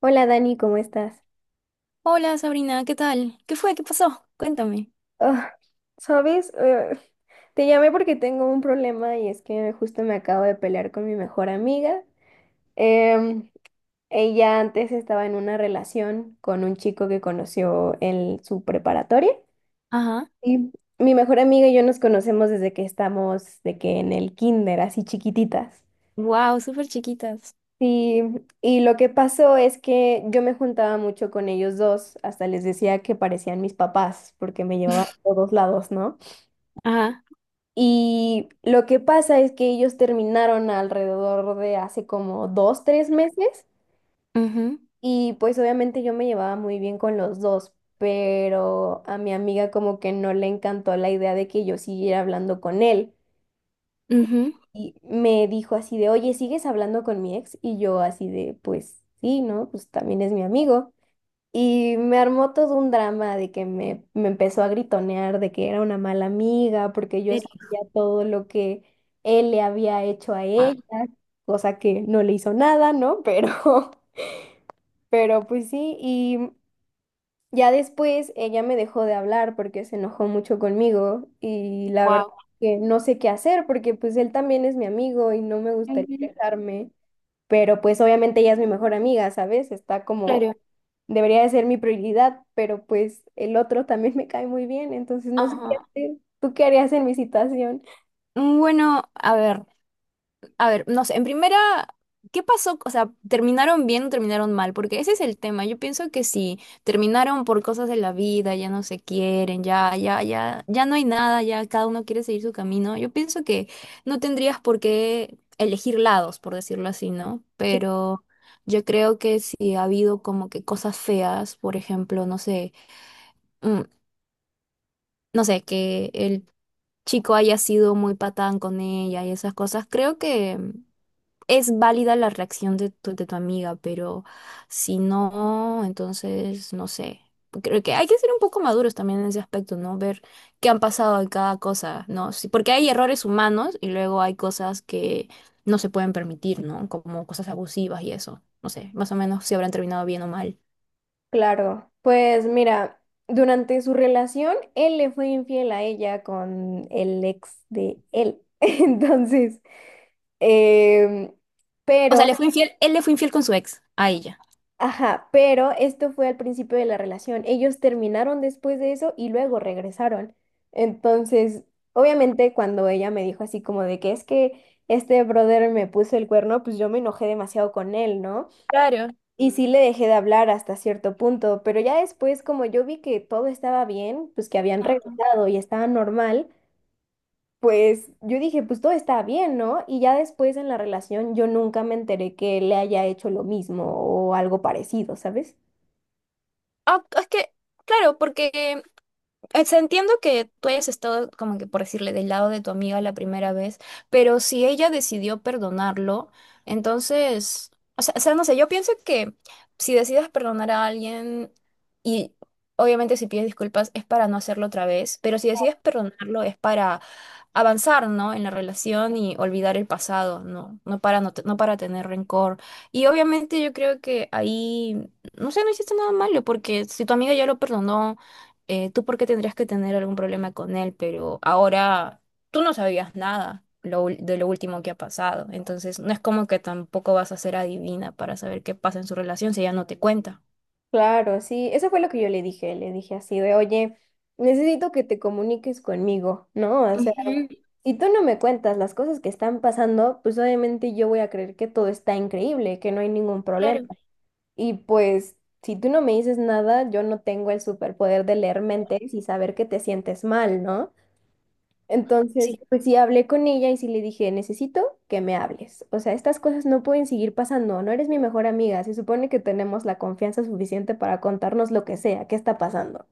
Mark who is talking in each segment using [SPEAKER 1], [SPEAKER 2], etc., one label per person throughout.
[SPEAKER 1] Hola Dani, ¿cómo estás?
[SPEAKER 2] Hola Sabrina, ¿qué tal? ¿Qué fue? ¿Qué pasó? Cuéntame.
[SPEAKER 1] Ah, ¿sabes? Eh, Te llamé porque tengo un problema y es que justo me acabo de pelear con mi mejor amiga. Em, Ella antes estaba en una relación con un chico que conoció en su preparatoria.
[SPEAKER 2] Ajá.
[SPEAKER 1] Y mi mejor amiga y yo nos conocemos de que en el kinder, así chiquititas.
[SPEAKER 2] Wow, súper chiquitas.
[SPEAKER 1] Sí. Y lo que pasó es que yo me juntaba mucho con ellos dos, hasta les decía que parecían mis papás, porque me llevaban a todos lados, ¿no?
[SPEAKER 2] Ajá.
[SPEAKER 1] Y lo que pasa es que ellos terminaron alrededor de hace como dos, tres meses
[SPEAKER 2] Ujú,
[SPEAKER 1] y pues obviamente yo me llevaba muy bien con los dos, pero a mi amiga como que no le encantó la idea de que yo siguiera hablando con él
[SPEAKER 2] ujú.
[SPEAKER 1] y me dijo así de, oye, ¿sigues hablando con mi ex? Y yo así de, pues sí, ¿no? Pues también es mi amigo. Y me armó todo un drama de que me empezó a gritonear de que era una mala amiga, porque yo
[SPEAKER 2] Serio.
[SPEAKER 1] sabía todo lo que él le había hecho a ella, cosa que no le hizo nada, ¿no? Pero, pero pues sí, y ya después ella me dejó de hablar porque se enojó mucho conmigo y la verdad
[SPEAKER 2] Wow,
[SPEAKER 1] que no sé qué hacer porque pues él también es mi amigo y no me gustaría
[SPEAKER 2] Ujú.
[SPEAKER 1] alejarme, pero pues obviamente ella es mi mejor amiga, ¿sabes? Está como,
[SPEAKER 2] Claro.
[SPEAKER 1] debería de ser mi prioridad, pero pues el otro también me cae muy bien, entonces no sé qué
[SPEAKER 2] Ajá.
[SPEAKER 1] hacer. ¿Tú qué harías en mi situación?
[SPEAKER 2] Bueno, a ver. A ver, no sé, en primera, ¿qué pasó? O sea, ¿terminaron bien o terminaron mal? Porque ese es el tema. Yo pienso que si terminaron por cosas de la vida, ya no se quieren, ya, ya, ya, ya no hay nada, ya cada uno quiere seguir su camino. Yo pienso que no tendrías por qué elegir lados, por decirlo así, ¿no?
[SPEAKER 1] Sí,
[SPEAKER 2] Pero yo creo que si ha habido como que cosas feas, por ejemplo, no sé, mm, no sé, que el chico haya sido muy patán con ella y esas cosas, creo que es válida la reacción de tu amiga, pero si no, entonces no sé. Creo que hay que ser un poco maduros también en ese aspecto, ¿no? Ver qué han pasado en cada cosa, ¿no? Sí, porque hay errores humanos y luego hay cosas que no se pueden permitir, ¿no? Como cosas abusivas y eso. No sé, más o menos si habrán terminado bien o mal.
[SPEAKER 1] claro. Pues mira, durante su relación, él le fue infiel a ella con el ex de él. Entonces, em,
[SPEAKER 2] O sea,
[SPEAKER 1] pero
[SPEAKER 2] le fue infiel, él le fue infiel con su ex, a ella.
[SPEAKER 1] ajá, pero esto fue al principio de la relación. Ellos terminaron después de eso y luego regresaron. Entonces, obviamente cuando ella me dijo así como de que es que este brother me puso el cuerno, pues yo me enojé demasiado con él, ¿no?
[SPEAKER 2] Claro.
[SPEAKER 1] Y sí le dejé de hablar hasta cierto punto, pero ya después como yo vi que todo estaba bien, pues que habían regresado y estaba normal, pues yo dije, pues todo está bien, ¿no? Y ya después en la relación yo nunca me enteré que le haya hecho lo mismo o algo parecido, ¿sabes?
[SPEAKER 2] Ah, es que, claro, porque Entiendo que tú hayas estado, como que por decirle, del lado de tu amiga la primera vez, pero si ella decidió perdonarlo, entonces, o sea, no sé, yo pienso que si decides perdonar a alguien y obviamente si pides disculpas es para no hacerlo otra vez, pero si decides perdonarlo es para avanzar, ¿no? En la relación y olvidar el pasado, ¿no? No para, no, no para tener rencor. Y obviamente yo creo que ahí, no sé, no hiciste nada malo, porque si tu amiga ya lo perdonó, tú por qué tendrías que tener algún problema con él, pero ahora tú no sabías nada de lo último que ha pasado. Entonces, no es como que tampoco vas a ser adivina para saber qué pasa en su relación si ella no te cuenta.
[SPEAKER 1] Claro, sí, eso fue lo que yo le dije así de, oye, necesito que te comuniques conmigo, ¿no? O sea,
[SPEAKER 2] Ujú,
[SPEAKER 1] si tú no me cuentas las cosas que están pasando, pues obviamente yo voy a creer que todo está increíble, que no hay ningún problema.
[SPEAKER 2] claro,
[SPEAKER 1] Y pues, si tú no me dices nada, yo no tengo el superpoder de leer mentes y saber que te sientes mal, ¿no? Entonces,
[SPEAKER 2] sí,
[SPEAKER 1] pues sí hablé con ella y sí le dije, necesito que me hables. O sea, estas cosas no pueden seguir pasando, no eres mi mejor amiga, se supone que tenemos la confianza suficiente para contarnos lo que sea, qué está pasando.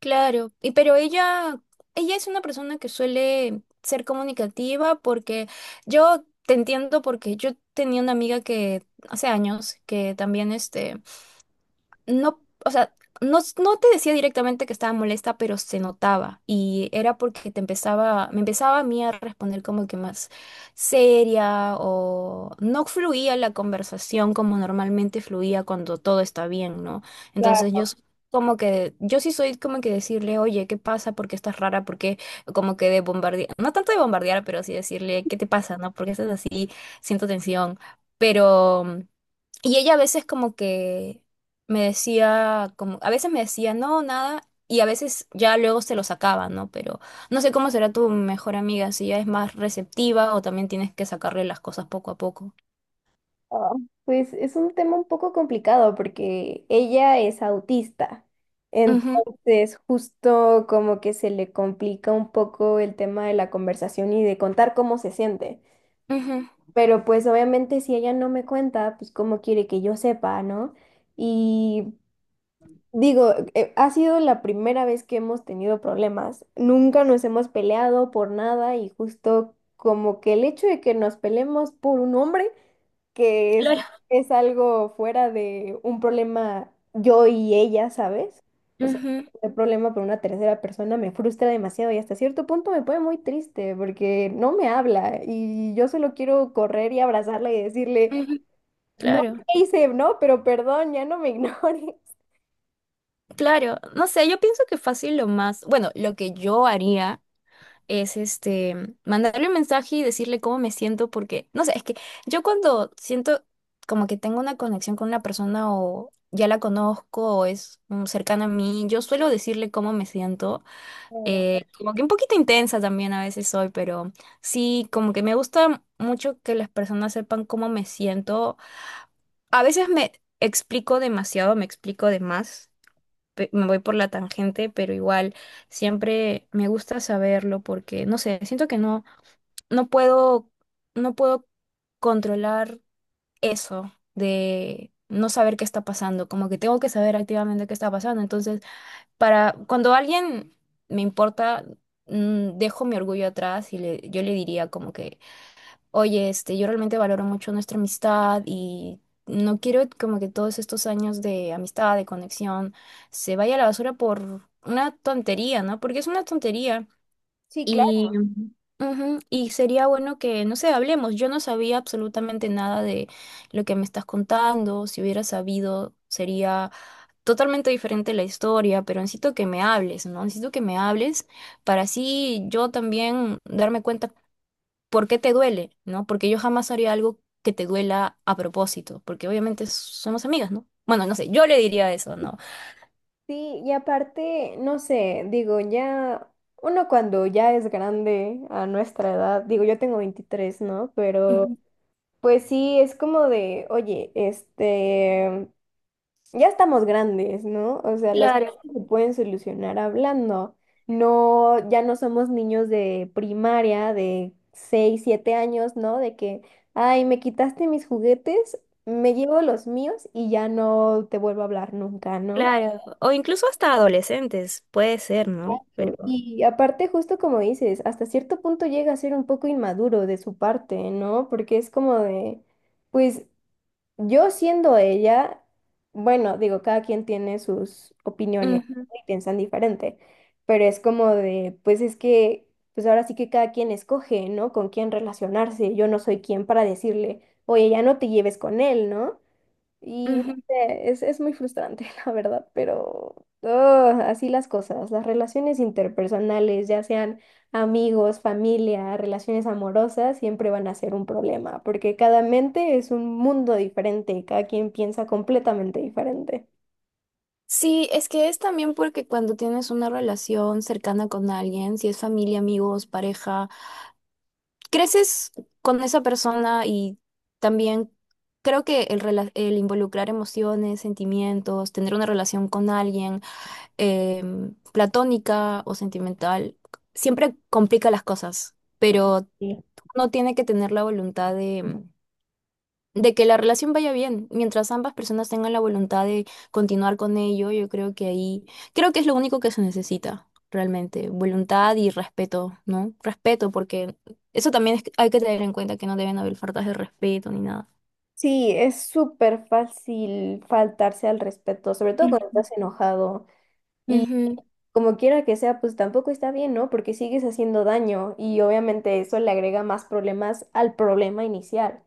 [SPEAKER 2] claro. Y pero ella es una persona que suele ser comunicativa, porque yo te entiendo, porque yo tenía una amiga que hace años que también este no, o sea, no, no te decía directamente que estaba molesta, pero se notaba. Y era porque me empezaba a mí a responder como que más seria, o no fluía la conversación como normalmente fluía cuando todo está bien, ¿no? Entonces
[SPEAKER 1] Claro.
[SPEAKER 2] yo soy como que, yo sí soy como que decirle, oye, ¿qué pasa? ¿Por qué estás rara? ¿Por qué? Como que de bombardear, no tanto de bombardear, pero sí decirle, ¿qué te pasa? ¿No? ¿Por qué estás así? Siento tensión. Pero. Y ella a veces como que me decía, no, nada, y a veces ya luego se lo sacaba, ¿no? Pero no sé cómo será tu mejor amiga, si ella es más receptiva o también tienes que sacarle las cosas poco a poco.
[SPEAKER 1] Pues es un tema un poco complicado porque ella es autista.
[SPEAKER 2] Ujú,
[SPEAKER 1] Entonces, justo como que se le complica un poco el tema de la conversación y de contar cómo se siente.
[SPEAKER 2] ujú.
[SPEAKER 1] Pero pues obviamente si ella no me cuenta, pues cómo quiere que yo sepa, ¿no? Y digo, ha sido la primera vez que hemos tenido problemas. Nunca nos hemos peleado por nada y justo como que el hecho de que nos peleemos por un hombre, que es,
[SPEAKER 2] Claro.
[SPEAKER 1] es algo fuera de un problema yo y ella, ¿sabes? O sea,
[SPEAKER 2] Ujú,
[SPEAKER 1] el problema por una tercera persona me frustra demasiado y hasta cierto punto me pone muy triste porque no me habla y yo solo quiero correr y abrazarla y decirle,
[SPEAKER 2] ujú.
[SPEAKER 1] no sé
[SPEAKER 2] Claro,
[SPEAKER 1] qué hice, no, pero perdón, ya no me ignores.
[SPEAKER 2] claro. No sé, yo pienso que fácil lo más, bueno, lo que yo haría, es este, mandarle un mensaje y decirle cómo me siento, porque, no sé, es que yo cuando siento como que tengo una conexión con una persona o ya la conozco o es cercana a mí, yo suelo decirle cómo me siento,
[SPEAKER 1] Claro.
[SPEAKER 2] como que un poquito intensa también a veces soy, pero sí, como que me gusta mucho que las personas sepan cómo me siento. A veces me explico demasiado, me explico de más. Me voy por la tangente, pero igual siempre me gusta saberlo porque, no sé, siento que no puedo, no puedo controlar eso de no saber qué está pasando, como que tengo que saber activamente qué está pasando. Entonces, para cuando alguien me importa, dejo mi orgullo atrás y le, yo le diría como que, oye, yo realmente valoro mucho nuestra amistad y no quiero como que todos estos años de amistad, de conexión, se vaya a la basura por una tontería, ¿no? Porque es una tontería.
[SPEAKER 1] Sí,
[SPEAKER 2] Y, ujú, y sería bueno que, no sé, hablemos. Yo no sabía absolutamente nada de lo que me estás contando. Si hubiera sabido, sería totalmente diferente la historia, pero necesito que me hables, ¿no? Necesito que me hables para así yo también darme cuenta por qué te duele, ¿no? Porque yo jamás haría algo que te duela a propósito, porque obviamente somos amigas, ¿no? Bueno, no sé, yo le diría eso, ¿no?
[SPEAKER 1] sí, y aparte, no sé, digo, ya uno cuando ya es grande a nuestra edad, digo, yo tengo 23, ¿no? Pero
[SPEAKER 2] Ujú.
[SPEAKER 1] pues sí, es como de, oye, este, ya estamos grandes, ¿no? O sea, las
[SPEAKER 2] Claro,
[SPEAKER 1] cosas se pueden solucionar hablando. No, ya no somos niños de primaria, de 6, 7 años, ¿no? De que, ay, me quitaste mis juguetes, me llevo los míos y ya no te vuelvo a hablar nunca, ¿no?
[SPEAKER 2] claro. O incluso hasta adolescentes, puede ser, ¿no?
[SPEAKER 1] Exacto.
[SPEAKER 2] Pero.
[SPEAKER 1] Y aparte, justo como dices, hasta cierto punto llega a ser un poco inmaduro de su parte, ¿no? Porque es como de, pues yo siendo ella, bueno, digo, cada quien tiene sus opiniones, ¿no?
[SPEAKER 2] Ujú,
[SPEAKER 1] Y piensan diferente, pero es como de, pues es que, pues ahora sí que cada quien escoge, ¿no? Con quién relacionarse. Yo no soy quien para decirle, oye, ya no te lleves con él, ¿no? Y no
[SPEAKER 2] ujú.
[SPEAKER 1] sé, es muy frustrante, la verdad, pero ugh, así las cosas, las relaciones interpersonales, ya sean amigos, familia, relaciones amorosas, siempre van a ser un problema, porque cada mente es un mundo diferente, cada quien piensa completamente diferente.
[SPEAKER 2] Sí, es que es también porque cuando tienes una relación cercana con alguien, si es familia, amigos, pareja, creces con esa persona y también creo que el involucrar emociones, sentimientos, tener una relación con alguien platónica o sentimental, siempre complica las cosas, pero
[SPEAKER 1] Sí.
[SPEAKER 2] uno tiene que tener la voluntad de que la relación vaya bien, mientras ambas personas tengan la voluntad de continuar con ello, yo creo que ahí, creo que es lo único que se necesita realmente, voluntad y respeto, ¿no? Respeto, porque eso también hay que tener en cuenta que no deben haber faltas de respeto ni nada.
[SPEAKER 1] Sí, es súper fácil faltarse al respeto, sobre todo cuando
[SPEAKER 2] Ujú.
[SPEAKER 1] estás enojado.
[SPEAKER 2] Ujú.
[SPEAKER 1] Como quiera que sea, pues tampoco está bien, ¿no? Porque sigues haciendo daño y obviamente eso le agrega más problemas al problema inicial.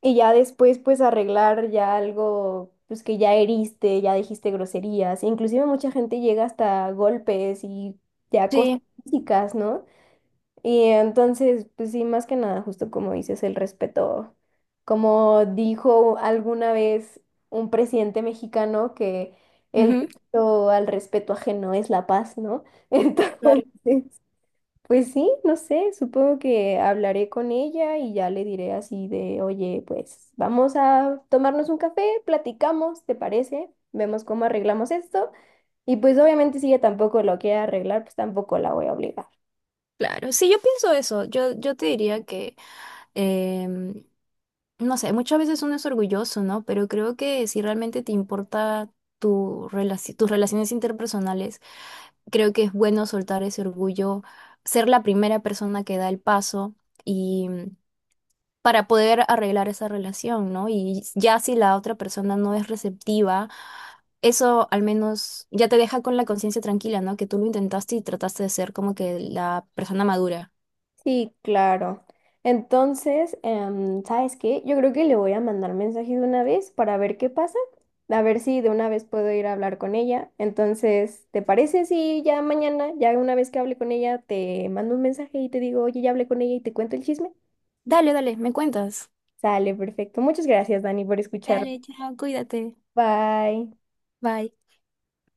[SPEAKER 1] Y ya después, pues arreglar ya algo, pues que ya heriste, ya dijiste groserías. Inclusive mucha gente llega hasta golpes y ya cosas
[SPEAKER 2] Sí,
[SPEAKER 1] físicas, ¿no? Y entonces, pues sí, más que nada, justo como dices, el respeto, como dijo alguna vez un presidente mexicano que el
[SPEAKER 2] ujú.
[SPEAKER 1] derecho al respeto ajeno es la paz, ¿no?
[SPEAKER 2] Claro.
[SPEAKER 1] Entonces, pues sí, no sé, supongo que hablaré con ella y ya le diré así de, oye, pues vamos a tomarnos un café, platicamos, ¿te parece? Vemos cómo arreglamos esto. Y pues obviamente si ella tampoco lo quiere arreglar, pues tampoco la voy a obligar.
[SPEAKER 2] Claro. Sí, yo pienso eso. Yo te diría que em, no sé, muchas veces uno es orgulloso, ¿no? Pero creo que si realmente te importa tus relaciones interpersonales, creo que es bueno soltar ese orgullo, ser la primera persona que da el paso y para poder arreglar esa relación, ¿no? Y ya si la otra persona no es receptiva, eso al menos ya te deja con la conciencia tranquila, ¿no? Que tú lo intentaste y trataste de ser como que la persona madura.
[SPEAKER 1] Sí, claro. Entonces, ¿sabes qué? Yo creo que le voy a mandar mensaje de una vez para ver qué pasa, a ver si de una vez puedo ir a hablar con ella. Entonces, ¿te parece si ya mañana, ya una vez que hable con ella, te mando un mensaje y te digo, oye, ya hablé con ella y te cuento el chisme?
[SPEAKER 2] Dale, dale, me cuentas.
[SPEAKER 1] Sale, perfecto. Muchas gracias, Dani, por escuchar.
[SPEAKER 2] Dale, chao, cuídate.
[SPEAKER 1] Bye.
[SPEAKER 2] Bye.